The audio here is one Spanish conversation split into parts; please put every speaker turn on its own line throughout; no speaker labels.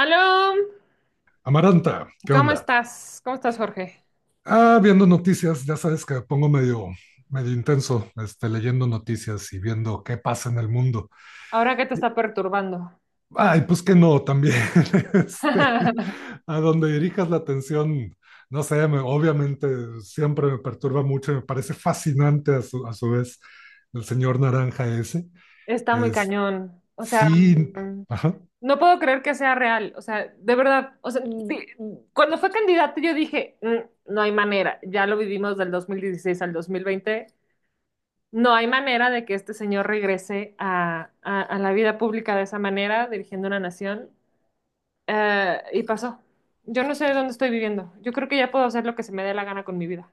Aló,
Amaranta, ¿qué
¿cómo
onda?
estás? ¿Cómo estás, Jorge?
Ah, viendo noticias, ya sabes que me pongo medio intenso, leyendo noticias y viendo qué pasa en el mundo.
Ahora que te está perturbando.
Ay, pues que no, también, este, a donde dirijas la atención, no sé, obviamente siempre me perturba mucho y me parece fascinante a su vez el señor naranja ese.
Está muy
Es,
cañón. O sea,
sí, ajá.
no puedo creer que sea real. O sea, de verdad. O sea, sí, cuando fue candidato yo dije, "Mm, no hay manera. Ya lo vivimos del 2016 al 2020. No hay manera de que este señor regrese a la vida pública de esa manera, dirigiendo una nación. Y pasó. Yo no sé dónde estoy viviendo. Yo creo que ya puedo hacer lo que se me dé la gana con mi vida.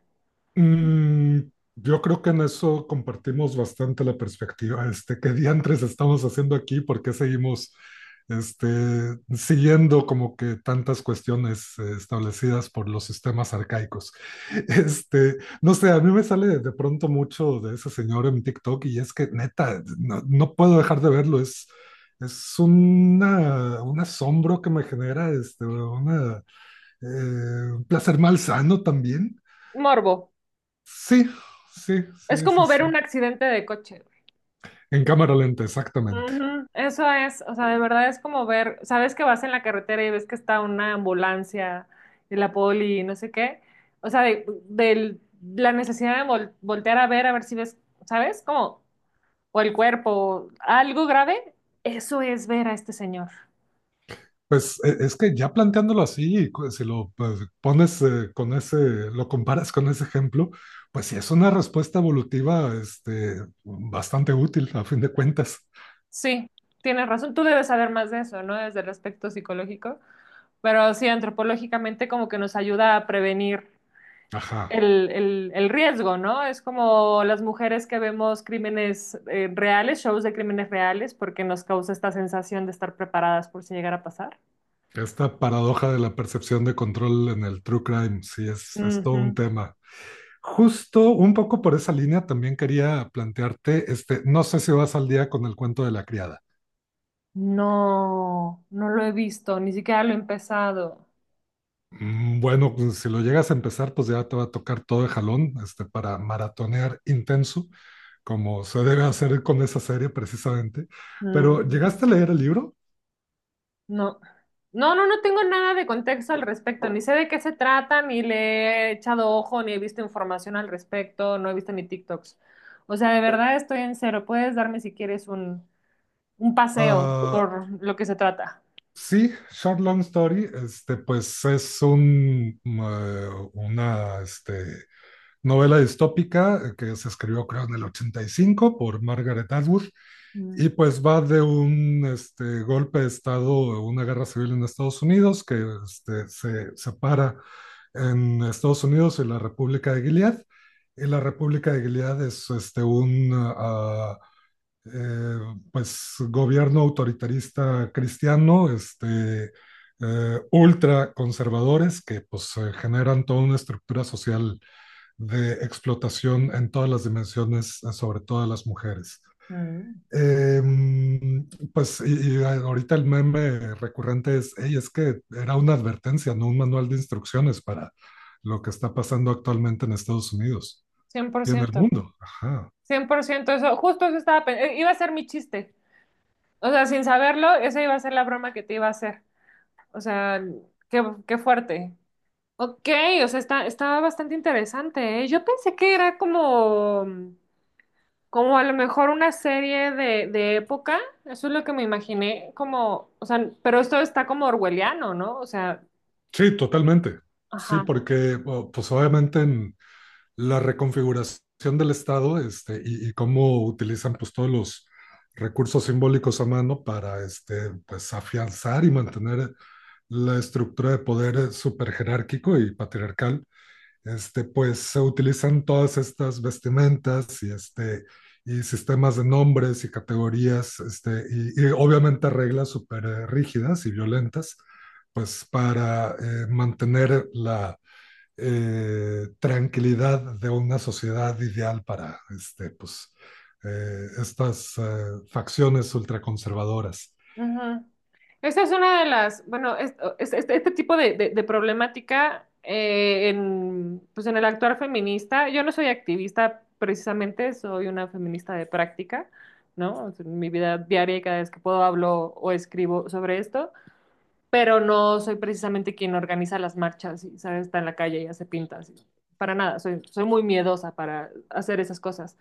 Mm, yo creo que en eso compartimos bastante la perspectiva. ¿Qué diantres estamos haciendo aquí? ¿Por qué seguimos este, siguiendo como que tantas cuestiones establecidas por los sistemas arcaicos? No sé, a mí me sale de pronto mucho de ese señor en TikTok y es que neta, no puedo dejar de verlo. Es un asombro que me genera, un placer malsano también.
Morbo.
Sí, sí,
Es
sí, sí,
como ver
sí.
un accidente de coche, güey.
En cámara lenta, exactamente.
Ujú. Eso es, o sea, de verdad es como ver, sabes que vas en la carretera y ves que está una ambulancia y la poli y no sé qué. O sea, la necesidad de voltear a ver si ves, ¿sabes? Como, o el cuerpo, algo grave. Eso es ver a este señor.
Pues es que ya planteándolo así, si lo pones con ese, lo comparas con ese ejemplo, pues sí es una respuesta evolutiva, bastante útil a fin de cuentas.
Sí, tienes razón. Tú debes saber más de eso, ¿no? Desde el aspecto psicológico. Pero sí, antropológicamente como que nos ayuda a prevenir
Ajá.
el riesgo, ¿no? Es como las mujeres que vemos crímenes reales, shows de crímenes reales, porque nos causa esta sensación de estar preparadas por si llegara a pasar.
Esta paradoja de la percepción de control en el true crime, sí, es todo
Ujú.
un tema. Justo un poco por esa línea también quería plantearte, no sé si vas al día con el cuento de la criada.
No, no lo he visto, ni siquiera lo he empezado.
Mm, bueno, pues, si lo llegas a empezar, pues ya te va a tocar todo de jalón, para maratonear intenso, como se debe hacer con esa serie precisamente. Pero,
Mm,
¿llegaste a leer el libro?
no. No, no, no tengo nada de contexto al respecto, ni sé de qué se trata, ni le he echado ojo, ni he visto información al respecto, no he visto ni TikToks. O sea, de verdad estoy en cero. Puedes darme si quieres un paseo
Ah,
por lo que se trata.
sí, Short Long Story, pues es una, novela distópica que se escribió, creo, en el 85 por Margaret Atwood.
Mm.
Y pues va de un golpe de Estado, una guerra civil en Estados Unidos, que se separa en Estados Unidos y la República de Gilead. Y la República de Gilead es un eh, pues, gobierno autoritarista cristiano, ultra conservadores que pues, generan toda una estructura social de explotación en todas las dimensiones, sobre todo de las mujeres.
Mm.
Eh, pues y ahorita el meme recurrente es, "Ey, es que era una advertencia, no un manual de instrucciones para lo que está pasando actualmente en Estados Unidos
cien por
y en el
ciento
mundo". Ajá.
100% eso. Justo eso estaba pensando. Iba a ser mi chiste. O sea, sin saberlo, esa iba a ser la broma que te iba a hacer. O sea, qué, qué fuerte. Ok, o sea, estaba bastante interesante, ¿eh? Yo pensé que era como, como a lo mejor una serie de época. Eso es lo que me imaginé, como, o sea, pero esto está como orwelliano, ¿no? O sea,
Sí, totalmente. Sí,
ajá.
porque pues obviamente en la reconfiguración del Estado y cómo utilizan pues todos los recursos simbólicos a mano para pues afianzar y mantener la estructura de poder superjerárquico y patriarcal pues se utilizan todas estas vestimentas y sistemas de nombres y categorías, y obviamente reglas súper rígidas y violentas, pues para mantener la tranquilidad de una sociedad ideal para estas facciones ultraconservadoras.
Ujú. Esta es una de las, bueno, este tipo de problemática en, pues en el actuar feminista, yo no soy activista precisamente, soy una feminista de práctica, ¿no? O sea, en mi vida diaria, y cada vez que puedo, hablo o escribo sobre esto, pero no soy precisamente quien organiza las marchas y, ¿sabes? Está en la calle y hace pintas, para nada, soy muy miedosa para hacer esas cosas.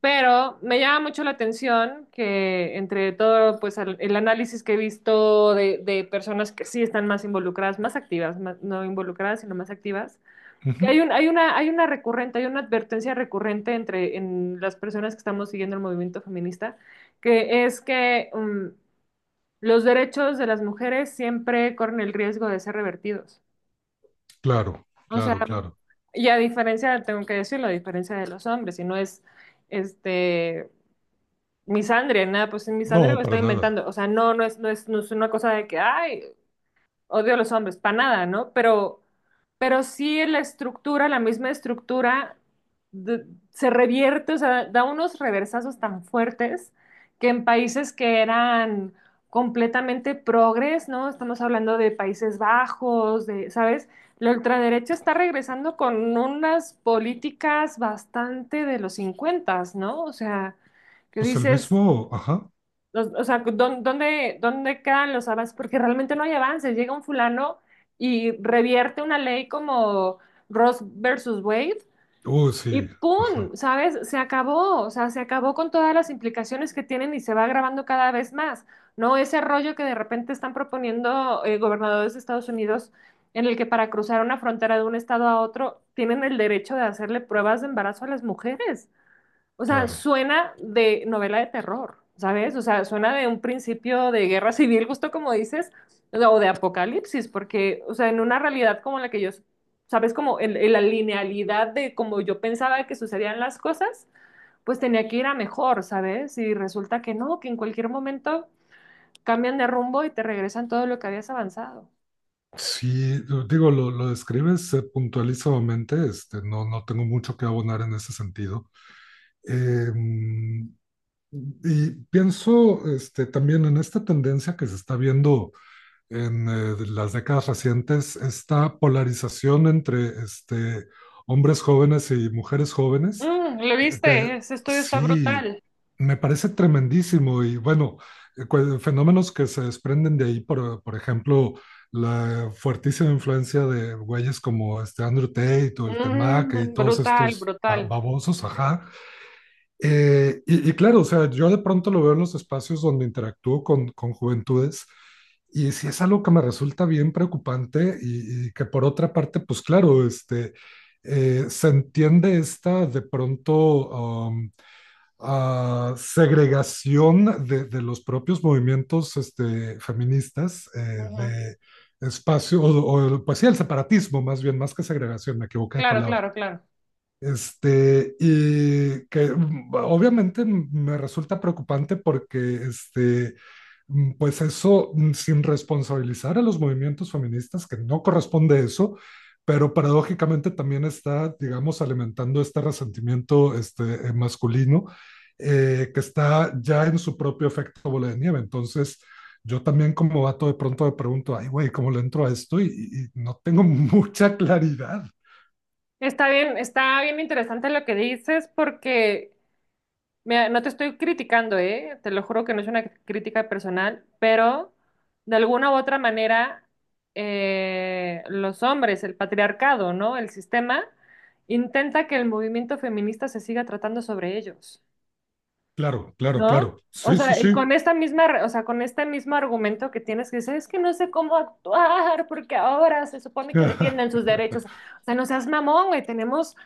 Pero me llama mucho la atención que entre todo, pues el análisis que he visto de personas que sí están más involucradas, más activas, no involucradas, sino más activas,
Uh
que
-huh.
hay un, hay una recurrente, hay una advertencia recurrente entre en las personas que estamos siguiendo el movimiento feminista, que es que los derechos de las mujeres siempre corren el riesgo de ser revertidos.
Claro,
O sea,
claro, claro.
y a diferencia, tengo que decirlo, a diferencia de los hombres, y no es este misandria, nada, pues en misandria lo
No,
estoy
para nada.
inventando. O sea, no, no es una cosa de que, ay, odio a los hombres, para nada, ¿no? Pero sí la estructura, la misma estructura, de- se revierte, o sea, da unos reversazos tan fuertes que en países que eran completamente progres, ¿no? Estamos hablando de Países Bajos, de, ¿sabes? La ultraderecha está regresando con unas políticas bastante de los 50, ¿no? O sea que
Pues el
dices,
mismo, ajá.
o sea, ¿Dónde quedan los avances? Porque realmente no hay avances. Llega un fulano y revierte una ley como Ross versus Wade y
Sí,
¡pum!
ajá,
¿Sabes? Se acabó. O sea, se acabó con todas las implicaciones que tienen y se va agravando cada vez más. No ese rollo que de repente están proponiendo gobernadores de Estados Unidos en el que para cruzar una frontera de un estado a otro tienen el derecho de hacerle pruebas de embarazo a las mujeres. O sea,
claro.
suena de novela de terror, ¿sabes? O sea, suena de un principio de guerra civil, justo como dices, o sea, o de apocalipsis, porque, o sea, en una realidad como la que yo, ¿sabes? Como en la linealidad de como yo pensaba que sucedían las cosas, pues tenía que ir a mejor, ¿sabes? Y resulta que no, que en cualquier momento cambian de rumbo y te regresan todo lo que habías avanzado.
Sí, digo, lo describes puntualizadamente, no tengo mucho que abonar en ese sentido. Em, y pienso también en esta tendencia que se está viendo en las décadas recientes esta polarización entre hombres jóvenes y mujeres jóvenes,
¿Lo
que
viste? Ese estudio está
sí,
brutal.
me parece tremendísimo y bueno, fenómenos que se desprenden de ahí, por ejemplo, la fuertísima influencia de güeyes como este Andrew Tate o el Temac y todos
Brutal,
estos
brutal.
babosos, ajá, y claro, o sea, yo de pronto lo veo en los espacios donde interactúo con juventudes y sí es algo que me resulta bien preocupante y que por otra parte, pues claro, se entiende esta de pronto segregación de los propios movimientos feministas
Ujú.
de espacio, o, pues sí, el separatismo más bien, más que segregación, me equivoqué de
Claro,
palabra
claro, claro.
y que obviamente me resulta preocupante porque, este, pues eso, sin responsabilizar a los movimientos feministas, que no corresponde eso, pero paradójicamente también está, digamos, alimentando este resentimiento, masculino, que está ya en su propio efecto bola de nieve. Entonces, yo también como vato de pronto me pregunto, ay, güey, ¿cómo le entro a esto? Y no tengo mucha claridad.
Está bien interesante lo que dices porque mira, no te estoy criticando, ¿eh? Te lo juro que no es una crítica personal, pero de alguna u otra manera los hombres, el patriarcado, ¿no? El sistema intenta que el movimiento feminista se siga tratando sobre ellos.
Claro, claro,
¿No?
claro.
O
Sí, sí,
sea, y con
sí.
esta misma, o sea, con este mismo argumento que tienes que decir, es que no sé cómo actuar, porque ahora se supone que defienden sus derechos. O sea, no seas mamón, güey, tenemos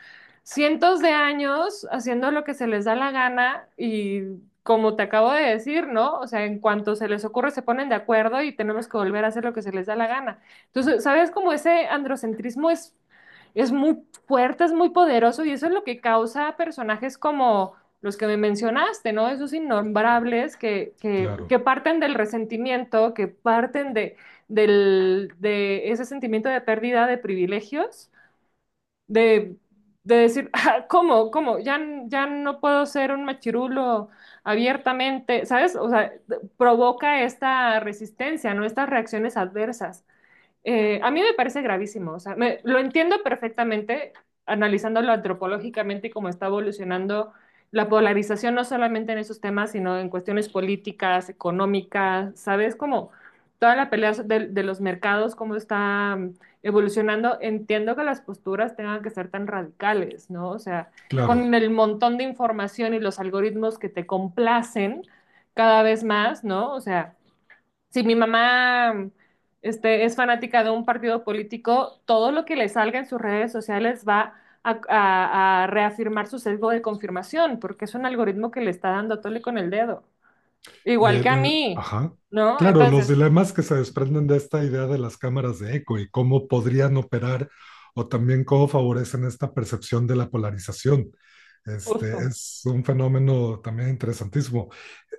cientos de años haciendo lo que se les da la gana y como te acabo de decir, ¿no? O sea, en cuanto se les ocurre se ponen de acuerdo y tenemos que volver a hacer lo que se les da la gana. Entonces, ¿sabes cómo ese androcentrismo es, muy fuerte, es muy poderoso y eso es lo que causa personajes como los que me mencionaste, ¿no? Esos innombrables que, que,
Claro,
que parten del resentimiento, que parten de, de ese sentimiento de pérdida de privilegios, de, de decir, "Ah, ¿cómo? ¿Cómo? Ya, ya no puedo ser un machirulo abiertamente, ¿sabes? O sea, provoca esta resistencia, ¿no? Estas reacciones adversas. A mí me parece gravísimo, o sea, lo entiendo perfectamente analizándolo antropológicamente y cómo está evolucionando la polarización, no solamente en esos temas, sino en cuestiones políticas, económicas, ¿sabes? Como toda la pelea de los mercados, cómo está evolucionando. Entiendo que las posturas tengan que ser tan radicales, ¿no? O sea, con
claro.
el montón de información y los algoritmos que te complacen cada vez más, ¿no? O sea, si mi mamá es fanática de un partido político, todo lo que le salga en sus redes sociales va a reafirmar su sesgo de confirmación, porque es un algoritmo que le está dando tole con el dedo. Igual que a mí,
Ajá.
¿no?
Claro, los
Entonces,
dilemas que se desprenden de esta idea de las cámaras de eco y cómo podrían operar o también cómo favorecen esta percepción de la polarización. Este
justo.
es un fenómeno también interesantísimo.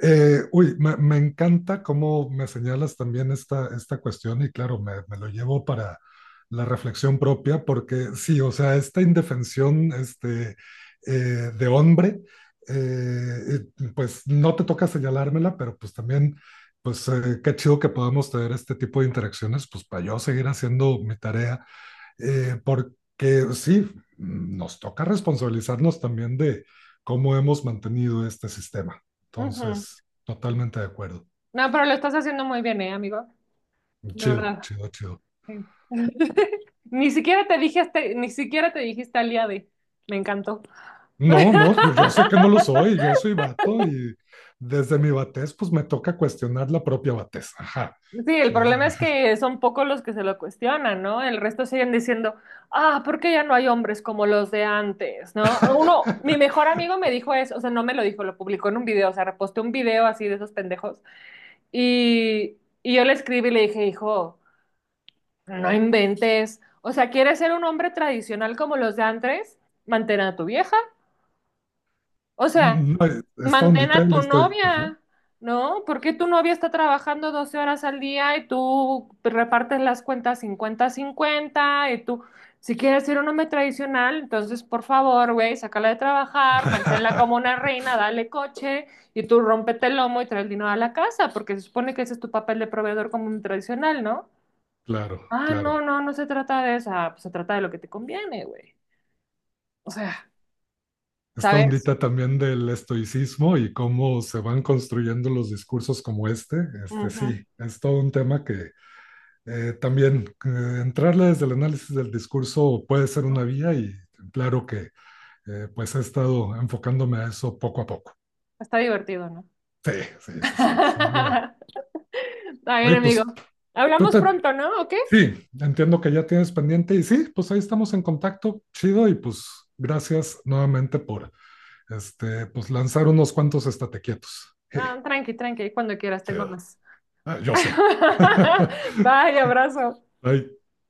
Uy, me encanta cómo me señalas también esta cuestión y claro, me lo llevo para la reflexión propia porque sí, o sea, esta indefensión eh, de hombre eh, pues no te toca señalármela, pero pues también, pues qué chido que podamos tener este tipo de interacciones, pues para yo seguir haciendo mi tarea, porque sí, nos toca responsabilizarnos también de cómo hemos mantenido este sistema.
Ujú.
Entonces, totalmente de acuerdo.
No, pero lo estás haciendo muy bien, ¿eh, amigo? De
Chido,
verdad.
chido, chido.
Sí. Ni siquiera te dije, ni siquiera te dijiste aliade. Me encantó.
No, no, yo sé que no lo soy, yo soy vato y desde mi vatez, pues me toca cuestionar la propia vatez. Ajá.
Sí, el
Sí,
problema es que son pocos los que se lo cuestionan, ¿no? El resto siguen diciendo, ah, ¿por qué ya no hay hombres como los de antes?, ¿no? Uno, mi mejor amigo me dijo eso, o sea, no me lo dijo, lo publicó en un video, o sea, reposté un video así de esos pendejos. Y, y yo le escribí y le dije, hijo, no inventes, o sea, ¿quieres ser un hombre tradicional como los de antes? Mantén a tu vieja. O sea,
Mm, no, esta
mantén
ondita
a
del
tu
estoicismo.
novia, ¿no? Porque tu novia está trabajando 12 horas al día y tú repartes las cuentas 50-50 y tú, si quieres ser un hombre tradicional, entonces por favor, güey, sácala de trabajar, manténla como una reina, dale coche y tú rómpete el lomo y trae el dinero a la casa, porque se supone que ese es tu papel de proveedor como un tradicional, ¿no?
Claro,
Ah,
claro.
no, no, no se trata de esa, pues se trata de lo que te conviene, güey. O sea,
Esta
¿sabes?
ondita también del estoicismo y cómo se van construyendo los discursos como este,
Ujú.
sí, es todo un tema que también entrarle desde el análisis del discurso puede ser una vía y claro que pues he estado enfocándome a eso poco a poco.
Está divertido, ¿no?
Sí, sí, sí, sí, sin duda.
Está bien,
Oye,
amigo.
pues, tú
Hablamos
te
pronto, ¿no? ¿O qué?
sí, entiendo que ya tienes pendiente y sí, pues ahí estamos en contacto, chido, y pues gracias nuevamente por pues lanzar unos cuantos estate quietos.
Ah,
Hey,
tranqui, tranqui, cuando quieras, tengo
chido.
más.
Ah, yo sé.
Bye, abrazo.
Bye.